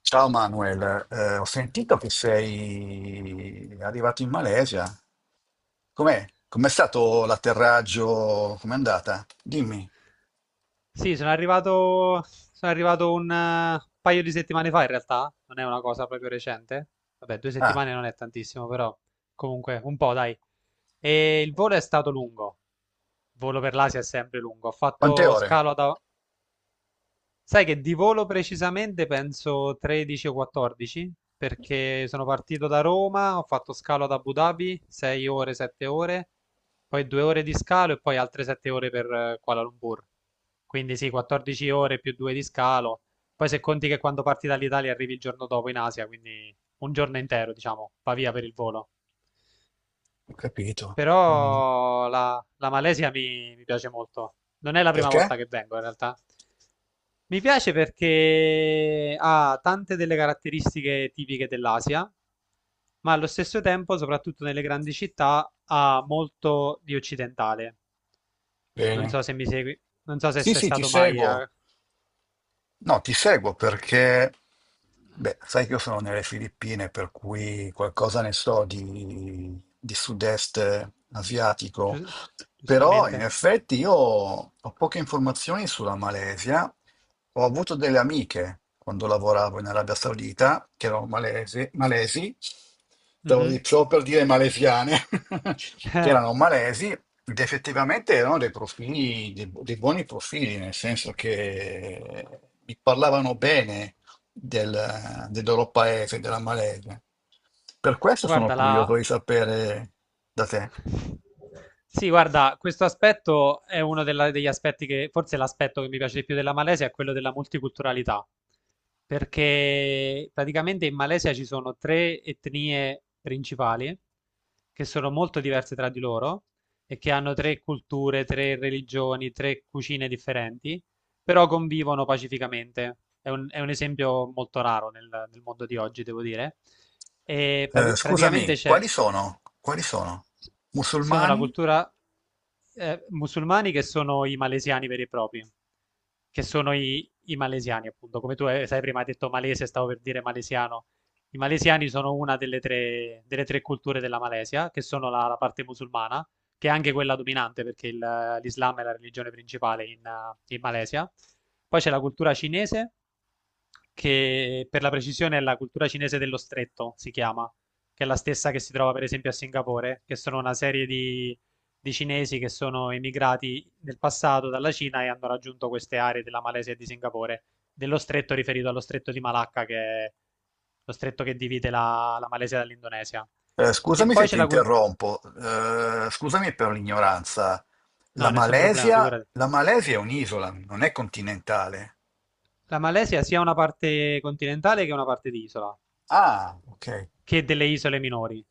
Ciao Manuel, ho sentito che sei arrivato in Malesia. Com'è? Com'è stato l'atterraggio? Com'è andata? Dimmi. Sì, sono arrivato un paio di settimane fa in realtà, non è una cosa proprio recente. Vabbè, due Ah, settimane non è tantissimo, però comunque un po', dai. E il volo è stato lungo. Il volo per l'Asia è sempre lungo. Ho quante fatto ore? scalo ad... Sai che di volo precisamente penso 13 o 14, perché sono partito da Roma, ho fatto scalo ad Abu Dhabi, 6 ore, 7 ore, poi 2 ore di scalo e poi altre 7 ore per Kuala Lumpur. Quindi sì, 14 ore più 2 di scalo. Poi se conti che quando parti dall'Italia arrivi il giorno dopo in Asia, quindi un giorno intero, diciamo, va via per il volo. Ho capito. Mm. Però la Malesia mi piace molto. Non è la prima Perché? volta che vengo, in realtà. Mi piace perché ha tante delle caratteristiche tipiche dell'Asia, ma allo stesso tempo, soprattutto nelle grandi città, ha molto di occidentale. Non Bene. so se mi segui, non so se Sì, sei sì, ti stato mai a seguo. No, ti seguo perché, beh, sai che io sono nelle Filippine, per cui qualcosa ne so di sud-est asiatico, Gius- però in giustamente. effetti io ho poche informazioni sulla Malesia. Ho avuto delle amiche quando lavoravo in Arabia Saudita, che erano malesi, malesi, Mhm. stavo per dire malesiane, che Eh, erano malesi, ed effettivamente erano dei profili, dei buoni profili, nel senso che mi parlavano bene del loro paese, della Malesia. Per questo sono guarda, la, curioso di sapere da te. Sì, guarda, questo aspetto è uno degli aspetti che, forse l'aspetto che mi piace di più della Malesia è quello della multiculturalità, perché praticamente in Malesia ci sono tre etnie principali che sono molto diverse tra di loro e che hanno tre culture, tre religioni, tre cucine differenti, però convivono pacificamente. È un esempio molto raro nel mondo di oggi, devo dire. E praticamente Scusami, c'è quali sono? Quali sono? sono la Musulmani? cultura, musulmani che sono i malesiani veri e propri, che sono i malesiani appunto, come tu hai sai prima hai detto malese, stavo per dire malesiano. I malesiani sono una delle tre culture della Malesia, che sono la parte musulmana, che è anche quella dominante perché l'Islam è la religione principale in Malesia. Poi c'è la cultura cinese, che per la precisione è la cultura cinese dello stretto, si chiama, che è la stessa che si trova per esempio a Singapore, che sono una serie di cinesi che sono emigrati nel passato dalla Cina e hanno raggiunto queste aree della Malesia e di Singapore, dello stretto riferito allo stretto di Malacca, che è lo stretto che divide la Malesia dall'Indonesia. E Scusami poi se c'è ti la cultura... interrompo, scusami per l'ignoranza. No, La nessun problema, Malesia, figurati. la Malesia è un'isola, non è continentale. La Malesia sia una parte continentale che una parte di isola, Ah, ok. che delle isole minori.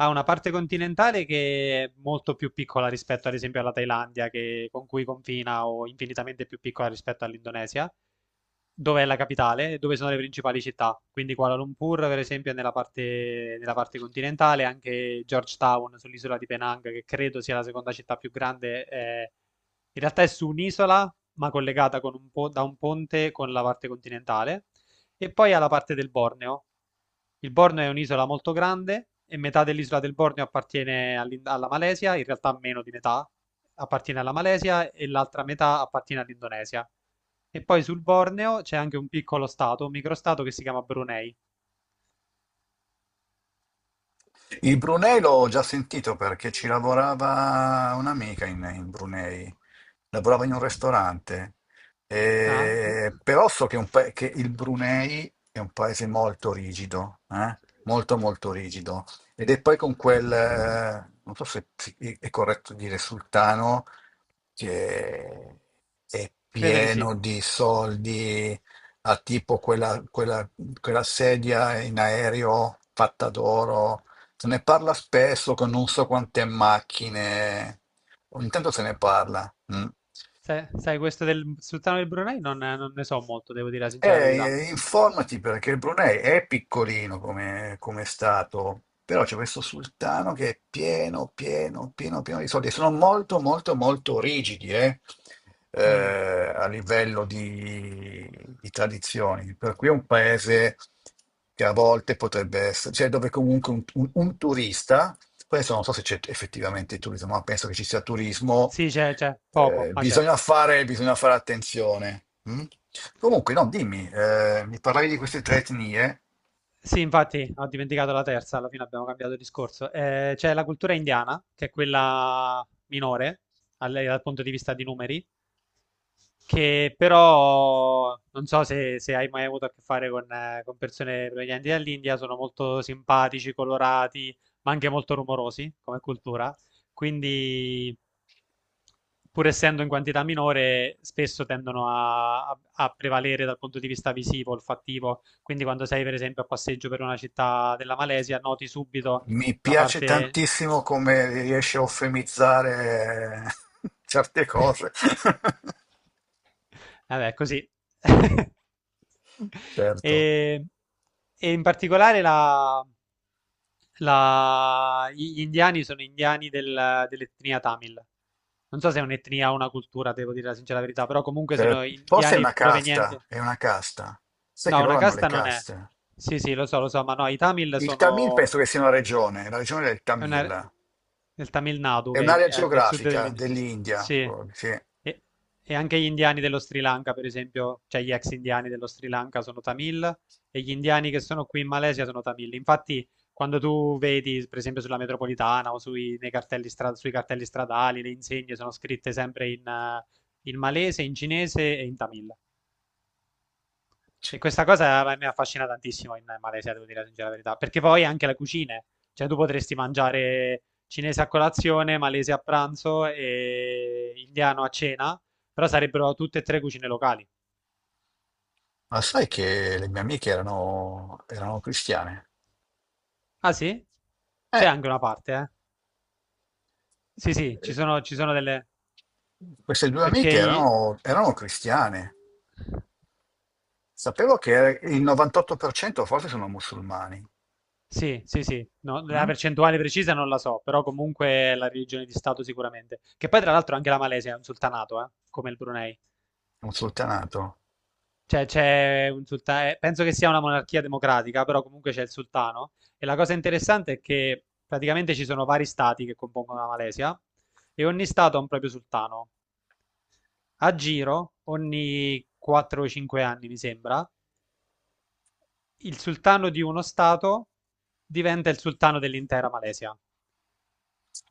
Ha una parte continentale che è molto più piccola rispetto ad esempio alla Thailandia, con cui confina, o infinitamente più piccola rispetto all'Indonesia, dove è la capitale e dove sono le principali città. Quindi Kuala Lumpur, per esempio, è nella parte continentale, anche Georgetown sull'isola di Penang, che credo sia la seconda città più grande, in realtà è su un'isola, ma collegata con da un ponte con la parte continentale. E poi ha la parte del Borneo. Il Borneo è un'isola molto grande e metà dell'isola del Borneo appartiene alla Malesia, in realtà meno di metà appartiene alla Malesia e l'altra metà appartiene all'Indonesia. E poi sul Borneo c'è anche un piccolo stato, un microstato che si chiama Brunei. Il Brunei l'ho già sentito perché ci lavorava un'amica in Brunei, lavorava in un ristorante. Ah, E però so che, che il Brunei è un paese molto rigido, eh? Molto molto rigido, ed è poi con quel, non so se è corretto dire sultano, che è credo di sì. pieno di soldi, ha tipo quella sedia in aereo fatta d'oro, se ne parla spesso con non so quante macchine, ogni tanto se ne parla. Mm. Sai, questo del sultano del Brunei non ne so molto, devo dire la E, sincera verità. Informati perché il Brunei è piccolino come, come stato, però c'è questo sultano che è pieno, pieno, pieno, pieno di soldi. Sono molto, molto, molto rigidi, Mm. A livello di tradizioni. Per cui è un paese che a volte potrebbe essere, cioè dove comunque un turista. Questo non so se c'è effettivamente il turismo, ma penso che ci sia turismo. Sì, c'è, poco, ma c'è. Bisogna fare attenzione. Mm? Comunque, no, dimmi, mi parlavi di queste tre Sì. etnie. Sì, infatti, ho dimenticato la terza, alla fine abbiamo cambiato discorso. C'è la cultura indiana, che è quella minore dal punto di vista di numeri, che però non so se hai mai avuto a che fare con persone provenienti dall'India, sono molto simpatici, colorati, ma anche molto rumorosi come cultura. Quindi, pur essendo in quantità minore, spesso tendono a prevalere dal punto di vista visivo, olfattivo. Quindi, quando sei, per esempio, a passeggio per una città della Malesia, noti subito Mi la piace parte. tantissimo come riesci a eufemizzare certe cose. Vabbè, così. Certo. E, e in particolare la Gli indiani sono indiani dell'etnia Tamil. Non so se è un'etnia o una cultura, devo dire la sincera verità, però comunque sono Forse è indiani una provenienti. casta, è una casta. Sai che No, una loro hanno le casta non è. caste. Sì, sì, lo so, ma no, i Tamil Il Tamil sono penso che sia una regione, la regione del è una Tamil. nel Tamil Nadu, È che è, in- un'area è nel sud geografica dell'India. dell'India, Sì, proprio, sì. e, e anche gli indiani dello Sri Lanka, per esempio, cioè gli ex indiani dello Sri Lanka sono Tamil e gli indiani che sono qui in Malesia sono Tamil. Infatti, quando tu vedi, per esempio, sulla metropolitana o sui cartelli stradali, le insegne sono scritte sempre in malese, in cinese e in Tamil. E questa cosa mi affascina tantissimo in Malesia, devo dire la sincera verità, perché poi anche la cucina, cioè tu potresti mangiare cinese a colazione, malese a pranzo e indiano a cena, però sarebbero tutte e tre cucine locali. Ma sai che le mie amiche erano, erano cristiane? Ah sì? C'è Eh, anche una parte, eh? Sì, sì, ci sono delle... queste due perché amiche i... erano, erano cristiane. Sapevo che il 98% forse sono musulmani, Sì, sì, sì, no, la mm? percentuale precisa non la so, però comunque è la religione di Stato sicuramente. Che poi tra l'altro anche la Malesia è un sultanato, come il Brunei. Un sultanato Cioè, c'è un sultano, penso che sia una monarchia democratica, però comunque c'è il sultano. E la cosa interessante è che praticamente ci sono vari stati che compongono la Malesia e ogni stato ha un proprio sultano. A giro, ogni 4 o 5 anni, mi sembra, il sultano di uno stato diventa il sultano dell'intera Malesia.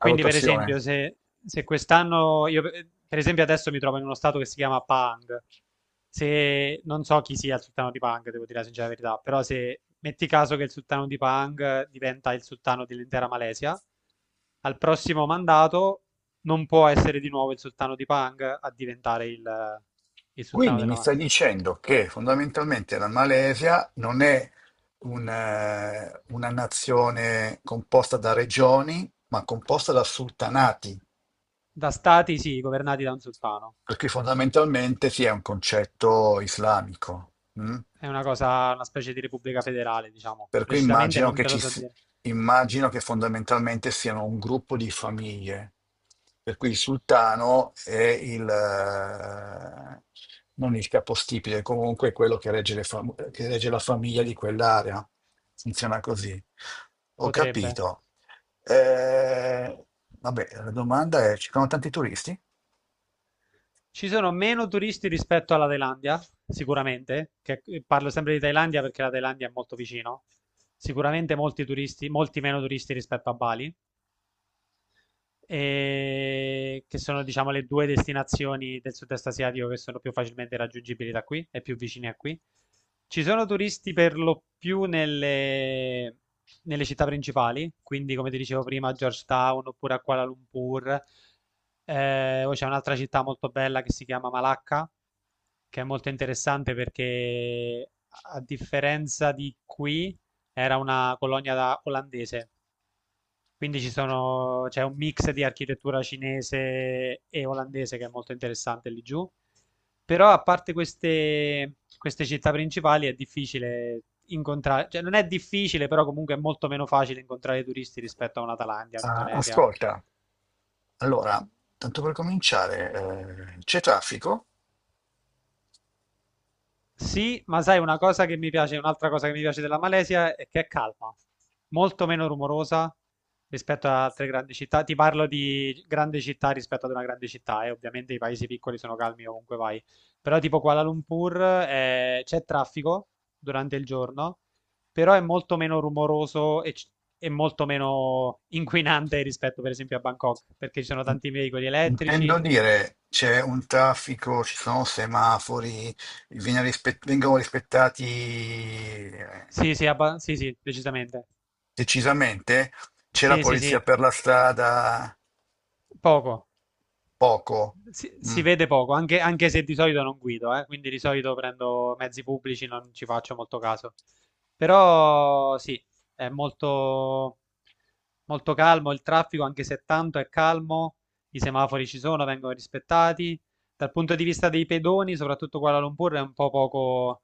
a per rotazione. esempio, se quest'anno io, per esempio, adesso mi trovo in uno stato che si chiama Pang. Se non so chi sia il sultano di Pang, devo dire la sincera verità, però se metti caso che il sultano di Pang diventa il sultano dell'intera Malesia, al prossimo mandato non può essere di nuovo il sultano di Pang a diventare il sultano Quindi mi della stai Malesia. dicendo che fondamentalmente la Malesia non è un, una nazione composta da regioni, ma composta da sultanati. Da stati, sì, governati da un sultano. Perché fondamentalmente sì, è un concetto islamico, mm? È una cosa, una specie di repubblica federale, diciamo. Per cui Precisamente immagino non che, te lo so dire. immagino che fondamentalmente siano un gruppo di famiglie, per cui il sultano è il, non il capostipite, comunque quello che regge, che regge la famiglia di quell'area. Funziona così. Ho Potrebbe. capito. Eh, vabbè, la domanda è, ci sono tanti turisti? Ci sono meno turisti rispetto alla Thailandia, sicuramente, che parlo sempre di Thailandia perché la Thailandia è molto vicino. Sicuramente molti turisti, molti meno turisti rispetto a Bali, e che sono, diciamo, le due destinazioni del sud-est asiatico che sono più facilmente raggiungibili da qui e più vicine a qui. Ci sono turisti per lo più nelle città principali, quindi come ti dicevo prima, a Georgetown oppure a Kuala Lumpur. Poi c'è un'altra città molto bella che si chiama Malacca, che è molto interessante perché a differenza di qui era una colonia olandese, quindi ci sono, c'è un mix di architettura cinese e olandese che è molto interessante lì giù. Però a parte queste città principali è difficile incontrare, cioè non è difficile, però comunque è molto meno facile incontrare turisti rispetto a una Thailandia, Ah, un'Indonesia. ascolta, allora, tanto per cominciare, c'è traffico? Sì, ma sai una cosa che mi piace, un'altra cosa che mi piace della Malesia è che è calma, molto meno rumorosa rispetto ad altre grandi città. Ti parlo di grande città rispetto ad una grande città e ovviamente i paesi piccoli sono calmi ovunque vai. Però tipo Kuala Lumpur c'è traffico durante il giorno, però è molto meno rumoroso e molto meno inquinante rispetto per esempio a Bangkok, perché ci sono In- tanti veicoli elettrici. Intendo dire, c'è un traffico, ci sono semafori, vengono rispettati Sì, sì, sì, sì, decisamente. decisamente? C'è la Sì, sì, polizia sì. per la strada? Poco, Poco. si Mm. vede poco, anche se di solito non guido, quindi di solito prendo mezzi pubblici, non ci faccio molto caso. Però sì, è molto, molto calmo il traffico, anche se tanto è calmo, i semafori ci sono, vengono rispettati. Dal punto di vista dei pedoni, soprattutto Kuala Lumpur è un po' poco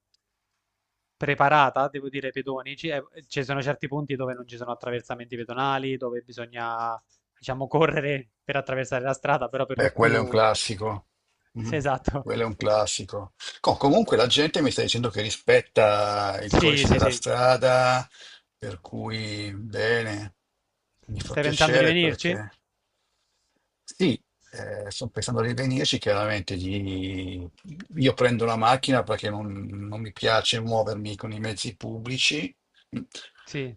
preparata, devo dire, ai pedoni. Ci sono certi punti dove non ci sono attraversamenti pedonali, dove bisogna, diciamo, correre per attraversare la strada, però per lo Beh, quello è un più. classico. Sì, Mhm. esatto. Quello è un classico. Comunque la gente mi sta dicendo che rispetta il Sì, codice sì, della sì. strada, per cui bene, mi fa Stai pensando di piacere venirci? perché sì, sto pensando di venirci, chiaramente io prendo la macchina perché non mi piace muovermi con i mezzi pubblici Sì.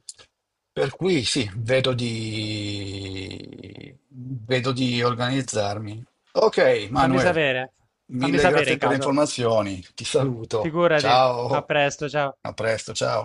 per cui sì, vedo di organizzarmi. Ok, Fammi Manuel, sapere. Fammi mille sapere grazie in per le caso. informazioni. Ti saluto. Figurati. A Ciao. presto, ciao. A presto, ciao.